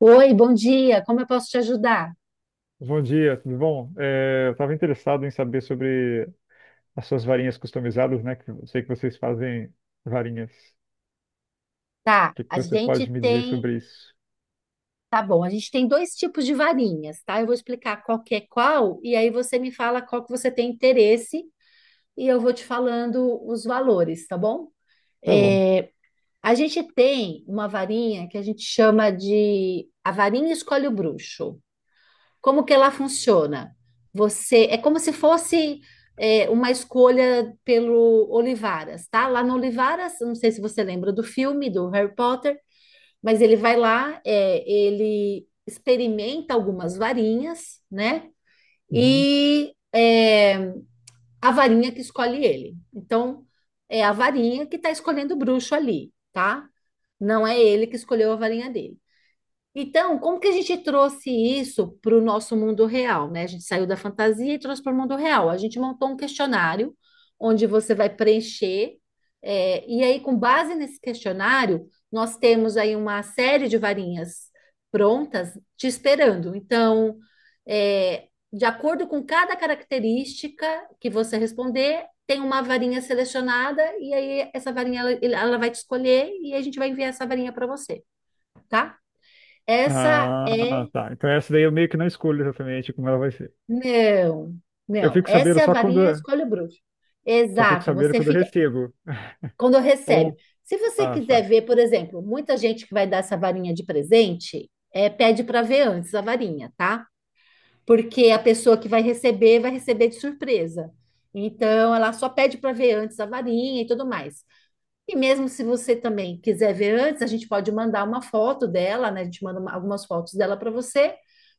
Oi, bom dia. Como eu posso te ajudar? Bom dia, tudo bom? Eu estava interessado em saber sobre as suas varinhas customizadas, né? Que eu sei que vocês fazem varinhas. O Tá, que que você pode me dizer sobre isso? tá bom, a gente tem dois tipos de varinhas, tá? Eu vou explicar qual que é qual e aí você me fala qual que você tem interesse e eu vou te falando os valores, tá bom? Tá bom. É, a gente tem uma varinha que a gente chama de a varinha escolhe o bruxo. Como que ela funciona? Você é como se fosse uma escolha pelo Olivaras, tá? Lá no Olivaras, não sei se você lembra do filme do Harry Potter, mas ele vai lá, ele experimenta algumas varinhas, né? Uhum. E a varinha que escolhe ele. Então, é a varinha que está escolhendo o bruxo ali, tá? Não é ele que escolheu a varinha dele. Então, como que a gente trouxe isso para o nosso mundo real, né? A gente saiu da fantasia e trouxe para o mundo real. A gente montou um questionário onde você vai preencher, e aí, com base nesse questionário, nós temos aí uma série de varinhas prontas te esperando. Então, de acordo com cada característica que você responder, tem uma varinha selecionada, e aí essa varinha ela vai te escolher e a gente vai enviar essa varinha para você, tá? Essa Ah, é. tá. Então essa daí eu meio que não escolho exatamente como ela vai ser. Não, Eu não. fico sabendo Essa é a só varinha quando, escolhe o bruxo. só fico Exato. sabendo Você quando eu fica. recebo. Quando Ou, recebe. Se você ah, quiser tá. ver, por exemplo, muita gente que vai dar essa varinha de presente, pede para ver antes a varinha, tá? Porque a pessoa que vai receber de surpresa. Então, ela só pede para ver antes a varinha e tudo mais. E mesmo se você também quiser ver antes, a gente pode mandar uma foto dela, né? A gente manda algumas fotos dela para você,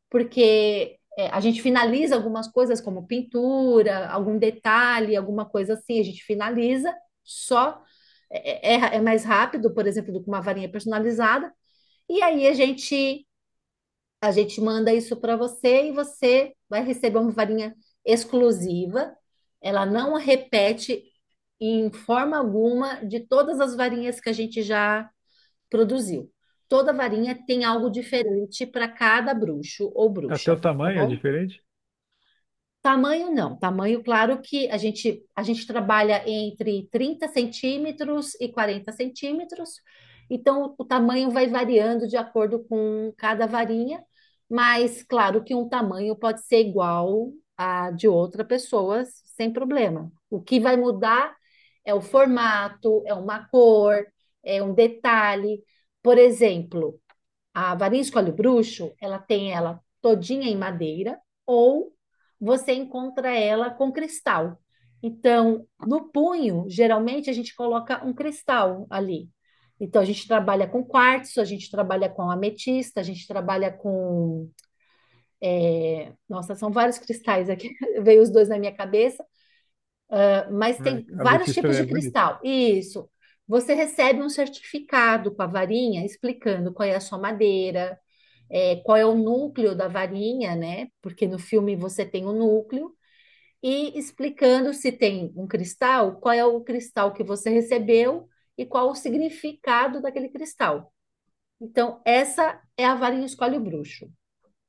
porque a gente finaliza algumas coisas como pintura, algum detalhe, alguma coisa assim, a gente finaliza só. É mais rápido, por exemplo, do que uma varinha personalizada. E aí a gente manda isso para você e você vai receber uma varinha exclusiva. Ela não repete em forma alguma de todas as varinhas que a gente já produziu. Toda varinha tem algo diferente para cada bruxo ou Até o bruxa, tá tamanho é bom? diferente? Tamanho não, tamanho, claro que a gente trabalha entre 30 cm e 40 cm, então o tamanho vai variando de acordo com cada varinha, mas claro que um tamanho pode ser igual a de outra pessoa, sem problema. O que vai mudar é o formato, é uma cor, é um detalhe. Por exemplo, a varinha de coalho bruxo, ela tem ela todinha em madeira ou você encontra ela com cristal. Então, no punho, geralmente a gente coloca um cristal ali. Então, a gente trabalha com quartzo, a gente trabalha com ametista, a gente trabalha com. Nossa, são vários cristais aqui, veio os dois na minha cabeça, mas tem A vários ametista tipos é de bonita. cristal. Isso. Você recebe um certificado com a varinha explicando qual é a sua madeira, qual é o núcleo da varinha, né? Porque no filme você tem o núcleo, e explicando se tem um cristal, qual é o cristal que você recebeu e qual o significado daquele cristal. Então, essa é a varinha escolhe o bruxo.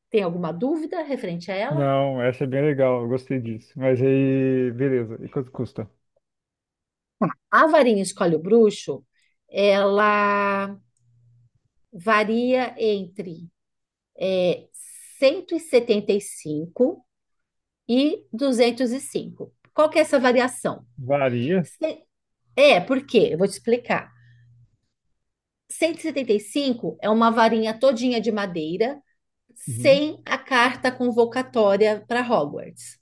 Tem alguma dúvida referente a ela? Não, essa é bem legal, eu gostei disso. Mas aí, beleza. E quanto custa? A varinha escolhe o bruxo, ela varia entre é, 175 e 205. Qual que é essa variação? Varia. Por quê? Eu vou te explicar. 175 é uma varinha todinha de madeira Uhum. sem a carta convocatória para Hogwarts.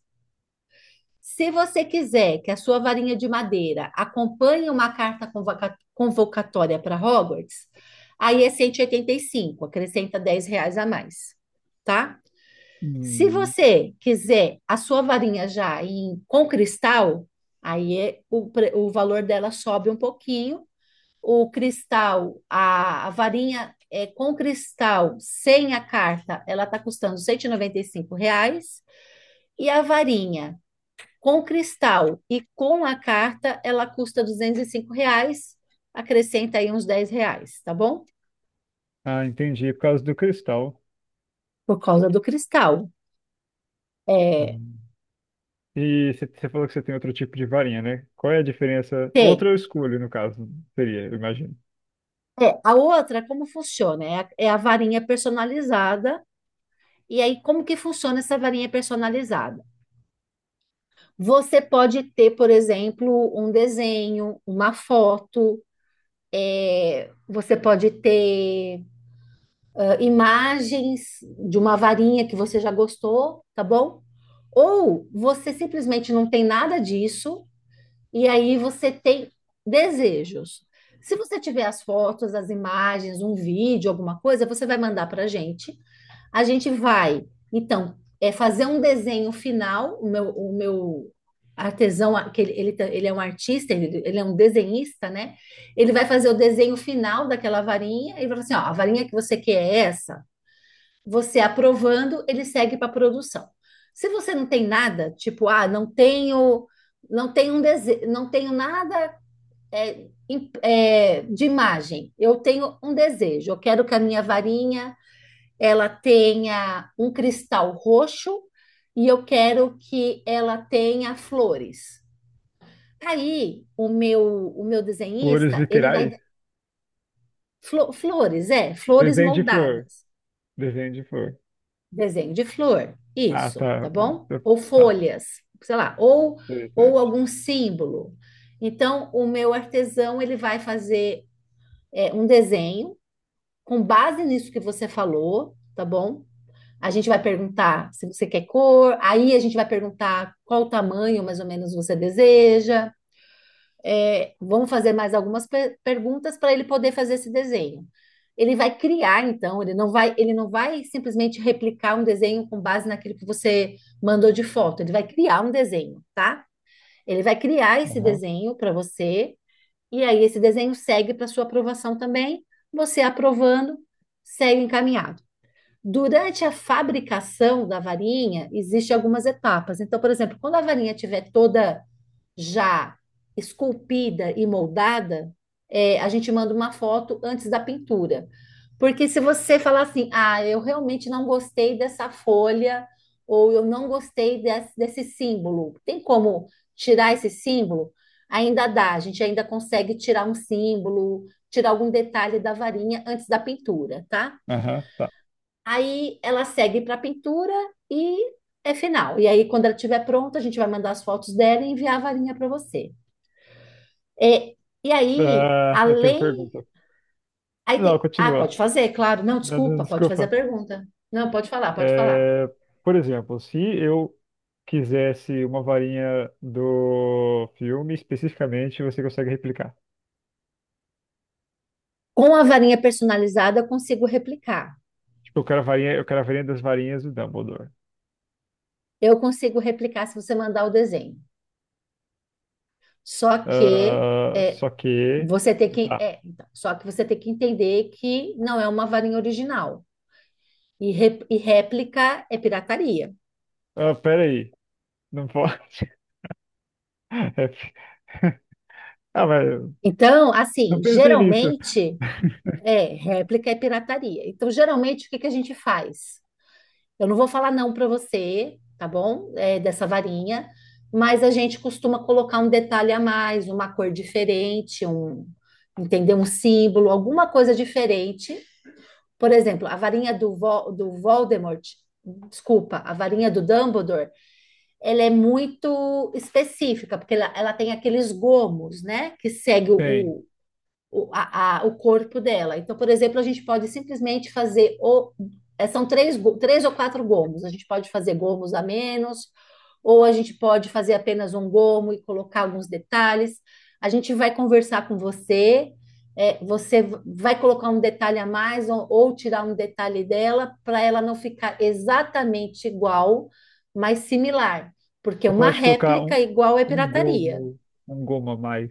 Se você quiser que a sua varinha de madeira acompanhe uma carta convocatória para Hogwarts, aí é 185, acrescenta R$ 10 a mais, tá? Se Hum, você quiser a sua varinha já em, com cristal, aí o valor dela sobe um pouquinho o cristal, a varinha com cristal, sem a carta, ela está custando R$ 195, e a varinha com cristal e com a carta, ela custa R$ 205, acrescenta aí uns 10 reais, tá bom? ah, entendi. Por causa do cristal. Por causa do cristal. Ah. É, E você falou que você tem outro tipo de varinha, né? Qual é a diferença? tem. Outro escolho, no caso, seria, eu imagino. É, a outra, como funciona? É a varinha personalizada. E aí, como que funciona essa varinha personalizada? Você pode ter, por exemplo, um desenho, uma foto, você pode ter imagens de uma varinha que você já gostou, tá bom? Ou você simplesmente não tem nada disso e aí você tem desejos. Se você tiver as fotos, as imagens, um vídeo, alguma coisa, você vai mandar para a gente vai, então, é fazer um desenho final, o meu artesão, que ele é um artista, ele é um desenhista, né? Ele vai fazer o desenho final daquela varinha e vai falar assim, ó, a varinha que você quer é essa. Você aprovando, ele segue para produção. Se você não tem nada, tipo, ah, não tenho um desejo, não tenho nada de imagem. Eu tenho um desejo, eu quero que a minha varinha ela tenha um cristal roxo e eu quero que ela tenha flores. Tá Aí o meu Cores desenhista, ele vai literais? flores Desenho de flor. moldadas. Desenho de flor. Desenho de flor, Ah, isso, tá tá. bom? Eu- Ou Tá. folhas, sei lá, ou Interessante. algum símbolo. Então, o meu artesão, ele vai fazer um desenho com base nisso que você falou, tá bom? A gente vai perguntar se você quer cor, aí a gente vai perguntar qual tamanho mais ou menos você deseja. Vamos fazer mais algumas perguntas para ele poder fazer esse desenho. Ele vai criar, então, ele não vai simplesmente replicar um desenho com base naquilo que você mandou de foto. Ele vai criar um desenho, tá? Ele vai criar esse Aham. desenho para você, e aí esse desenho segue para sua aprovação também. Você aprovando, segue encaminhado. Durante a fabricação da varinha, existem algumas etapas. Então, por exemplo, quando a varinha estiver toda já esculpida e moldada, a gente manda uma foto antes da pintura. Porque se você falar assim, ah, eu realmente não gostei dessa folha, ou eu não gostei desse símbolo, tem como tirar esse símbolo? Ainda dá, a gente ainda consegue tirar um símbolo, tirar algum detalhe da varinha antes da pintura, tá? Aham, tá. Aí ela segue para a pintura e é final. E aí, quando ela estiver pronta, a gente vai mandar as fotos dela e enviar a varinha para você. É, e aí, Ah, eu tenho além. pergunta. Aí Não, tem, continua. pode fazer, claro. Não, Não, não, desculpa, pode fazer a desculpa. pergunta. Não, pode falar, pode falar. É, por exemplo, se eu quisesse uma varinha do filme especificamente, você consegue replicar. Com a varinha personalizada, eu consigo replicar. Eu quero a varinha das varinhas do Dumbledore. Eu consigo replicar se você mandar o desenho. Só que Ah, é, só que. você tem que. Tá. Só que você tem que entender que não é uma varinha original. E, e réplica é pirataria. Ah, pera aí. Não pode. É f- Ah, mas eu Então, assim, não pensei nisso. geralmente é réplica e pirataria. Então, geralmente, o que que a gente faz? Eu não vou falar não para você, tá bom? Dessa varinha, mas a gente costuma colocar um detalhe a mais, uma cor diferente, um, entendeu? Um símbolo, alguma coisa diferente. Por exemplo, a varinha do Voldemort, desculpa, a varinha do Dumbledore, ela é muito específica, porque ela tem aqueles gomos, né? Que segue Tem. o corpo dela. Então, por exemplo, a gente pode simplesmente fazer são três ou quatro gomos. A gente pode fazer gomos a menos, ou a gente pode fazer apenas um gomo e colocar alguns detalhes. A gente vai conversar com você, você vai colocar um detalhe a mais ou tirar um detalhe dela para ela não ficar exatamente igual, mas similar, porque Você uma pode colocar réplica um, igual é um pirataria. gomo, um gomo a mais.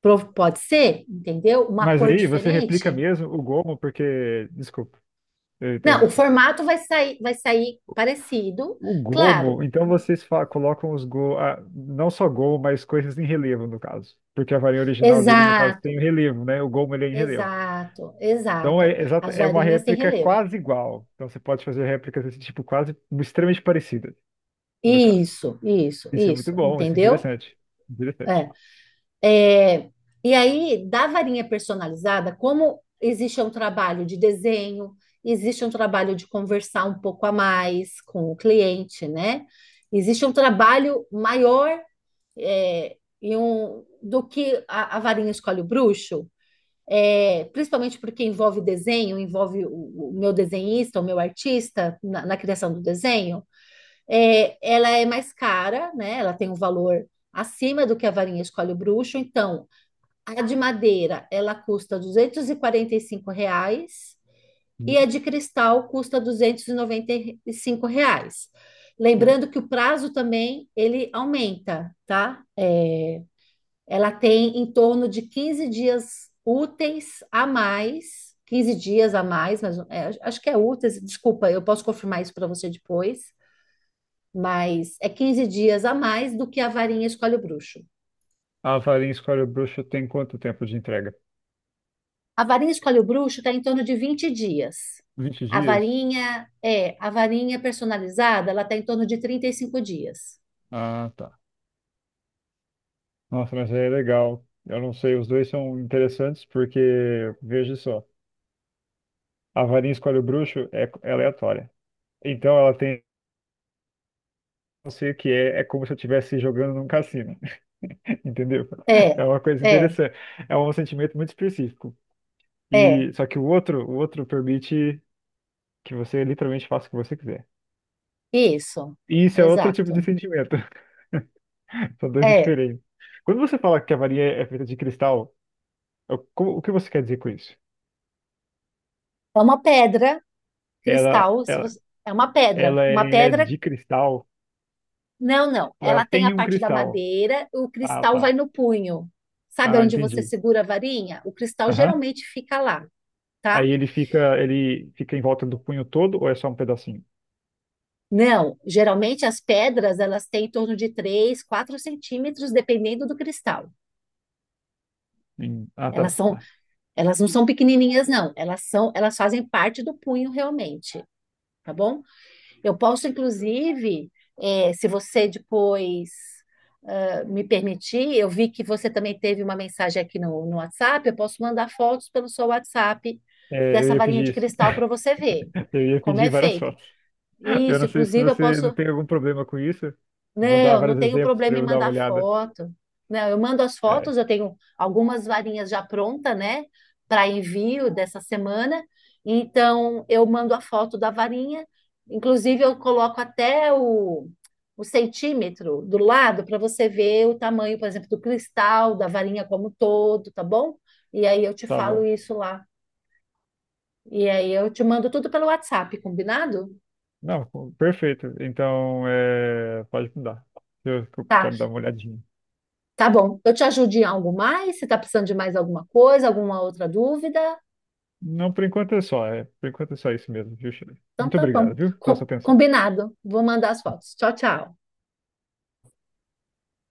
Pode ser, entendeu? Uma Mas cor aí você replica diferente. mesmo o gomo, porque. Desculpa, eu Não, o interrompi. formato vai sair, parecido, O gomo, claro. então colocam ah, não só gomo, mas coisas em relevo, no caso. Porque a varinha original dele, no caso, tem Exato, o relevo, né? O gomo ele é em relevo. exato, exato. As É uma varinhas têm réplica relevo. quase igual. Então você pode fazer réplicas desse tipo quase extremamente parecidas, no caso. Isso, isso, Isso é muito isso, bom, isso é entendeu? interessante. Interessante. É. É, e aí, da varinha personalizada, como existe um trabalho de desenho, existe um trabalho de conversar um pouco a mais com o cliente, né? Existe um trabalho maior do que a varinha escolhe o bruxo, principalmente porque envolve desenho, envolve o meu desenhista, o meu artista na criação do desenho, ela é mais cara, né? Ela tem um valor acima do que a varinha escolhe o bruxo. Então, a de madeira, ela custa R$ 245 Hum. e a de cristal custa R$ 295. O- Lembrando que o prazo também ele aumenta, tá? Ela tem em torno de 15 dias úteis a mais, 15 dias a mais, mas é, acho que é úteis, desculpa, eu posso confirmar isso para você depois, mas é 15 dias a mais do que a varinha escolhe o bruxo. A varinha escolhe bruxa tem quanto tempo de entrega? A varinha escolhe o bruxo está em torno de 20 dias. 20 dias? A varinha personalizada, ela está em torno de 35 dias. Ah, tá. Nossa, mas aí é legal. Eu não sei, os dois são interessantes porque, veja só, a varinha escolhe o bruxo é aleatória. Então ela tem, não sei o que é, é como se eu estivesse jogando num cassino. Entendeu? É, É uma coisa é, interessante. É um sentimento muito específico. é, E só que o outro permite que você literalmente faça o que você quiser. isso. E isso é outro tipo de Exato. sentimento. São dois É diferentes. Quando você fala que a varinha é feita de cristal, o que você quer dizer com isso? uma pedra Ela, cristal, se ela, você, é uma pedra, ela uma é pedra de cristal Não, não. ou Ela ela tem a tem um parte da cristal? madeira, o Ah, cristal vai tá. no punho. Sabe Ah, onde você entendi. segura a varinha? O cristal Aham. geralmente fica lá, tá? Aí ele fica em volta do punho todo ou é só um pedacinho? Não, geralmente as pedras elas têm em torno de 3 a 4 cm, dependendo do cristal. Ah, Elas são, tá. Elas não são pequenininhas, não. Elas fazem parte do punho realmente, tá bom? Eu posso, inclusive, se você depois me permitir, eu vi que você também teve uma mensagem aqui no WhatsApp, eu posso mandar fotos pelo seu WhatsApp É, eu dessa ia varinha pedir de isso. cristal para você ver Eu ia como pedir é várias feito. fotos. Eu Isso, não sei se inclusive, eu você não posso tem algum problema com isso. Vou dar não, não vários tenho exemplos para problema em eu dar uma mandar olhada. foto. Não, eu mando as fotos, É, eu tenho algumas varinhas já pronta, né, para envio dessa semana. Então, eu mando a foto da varinha. Inclusive, eu coloco até o centímetro do lado para você ver o tamanho, por exemplo, do cristal, da varinha como um todo, tá bom? E aí eu te tá falo bom. isso lá. E aí eu te mando tudo pelo WhatsApp, combinado? Não, perfeito. Então, é, pode mudar. Eu Tá. quero dar uma olhadinha. Tá bom. Eu te ajudo em algo mais? Você tá precisando de mais alguma coisa, alguma outra dúvida? Não, por enquanto é só. Por enquanto é só isso mesmo, viu, Sheila? Então Muito tá bom. obrigado, viu, pela sua atenção. Combinado. Vou mandar as fotos. Tchau, tchau.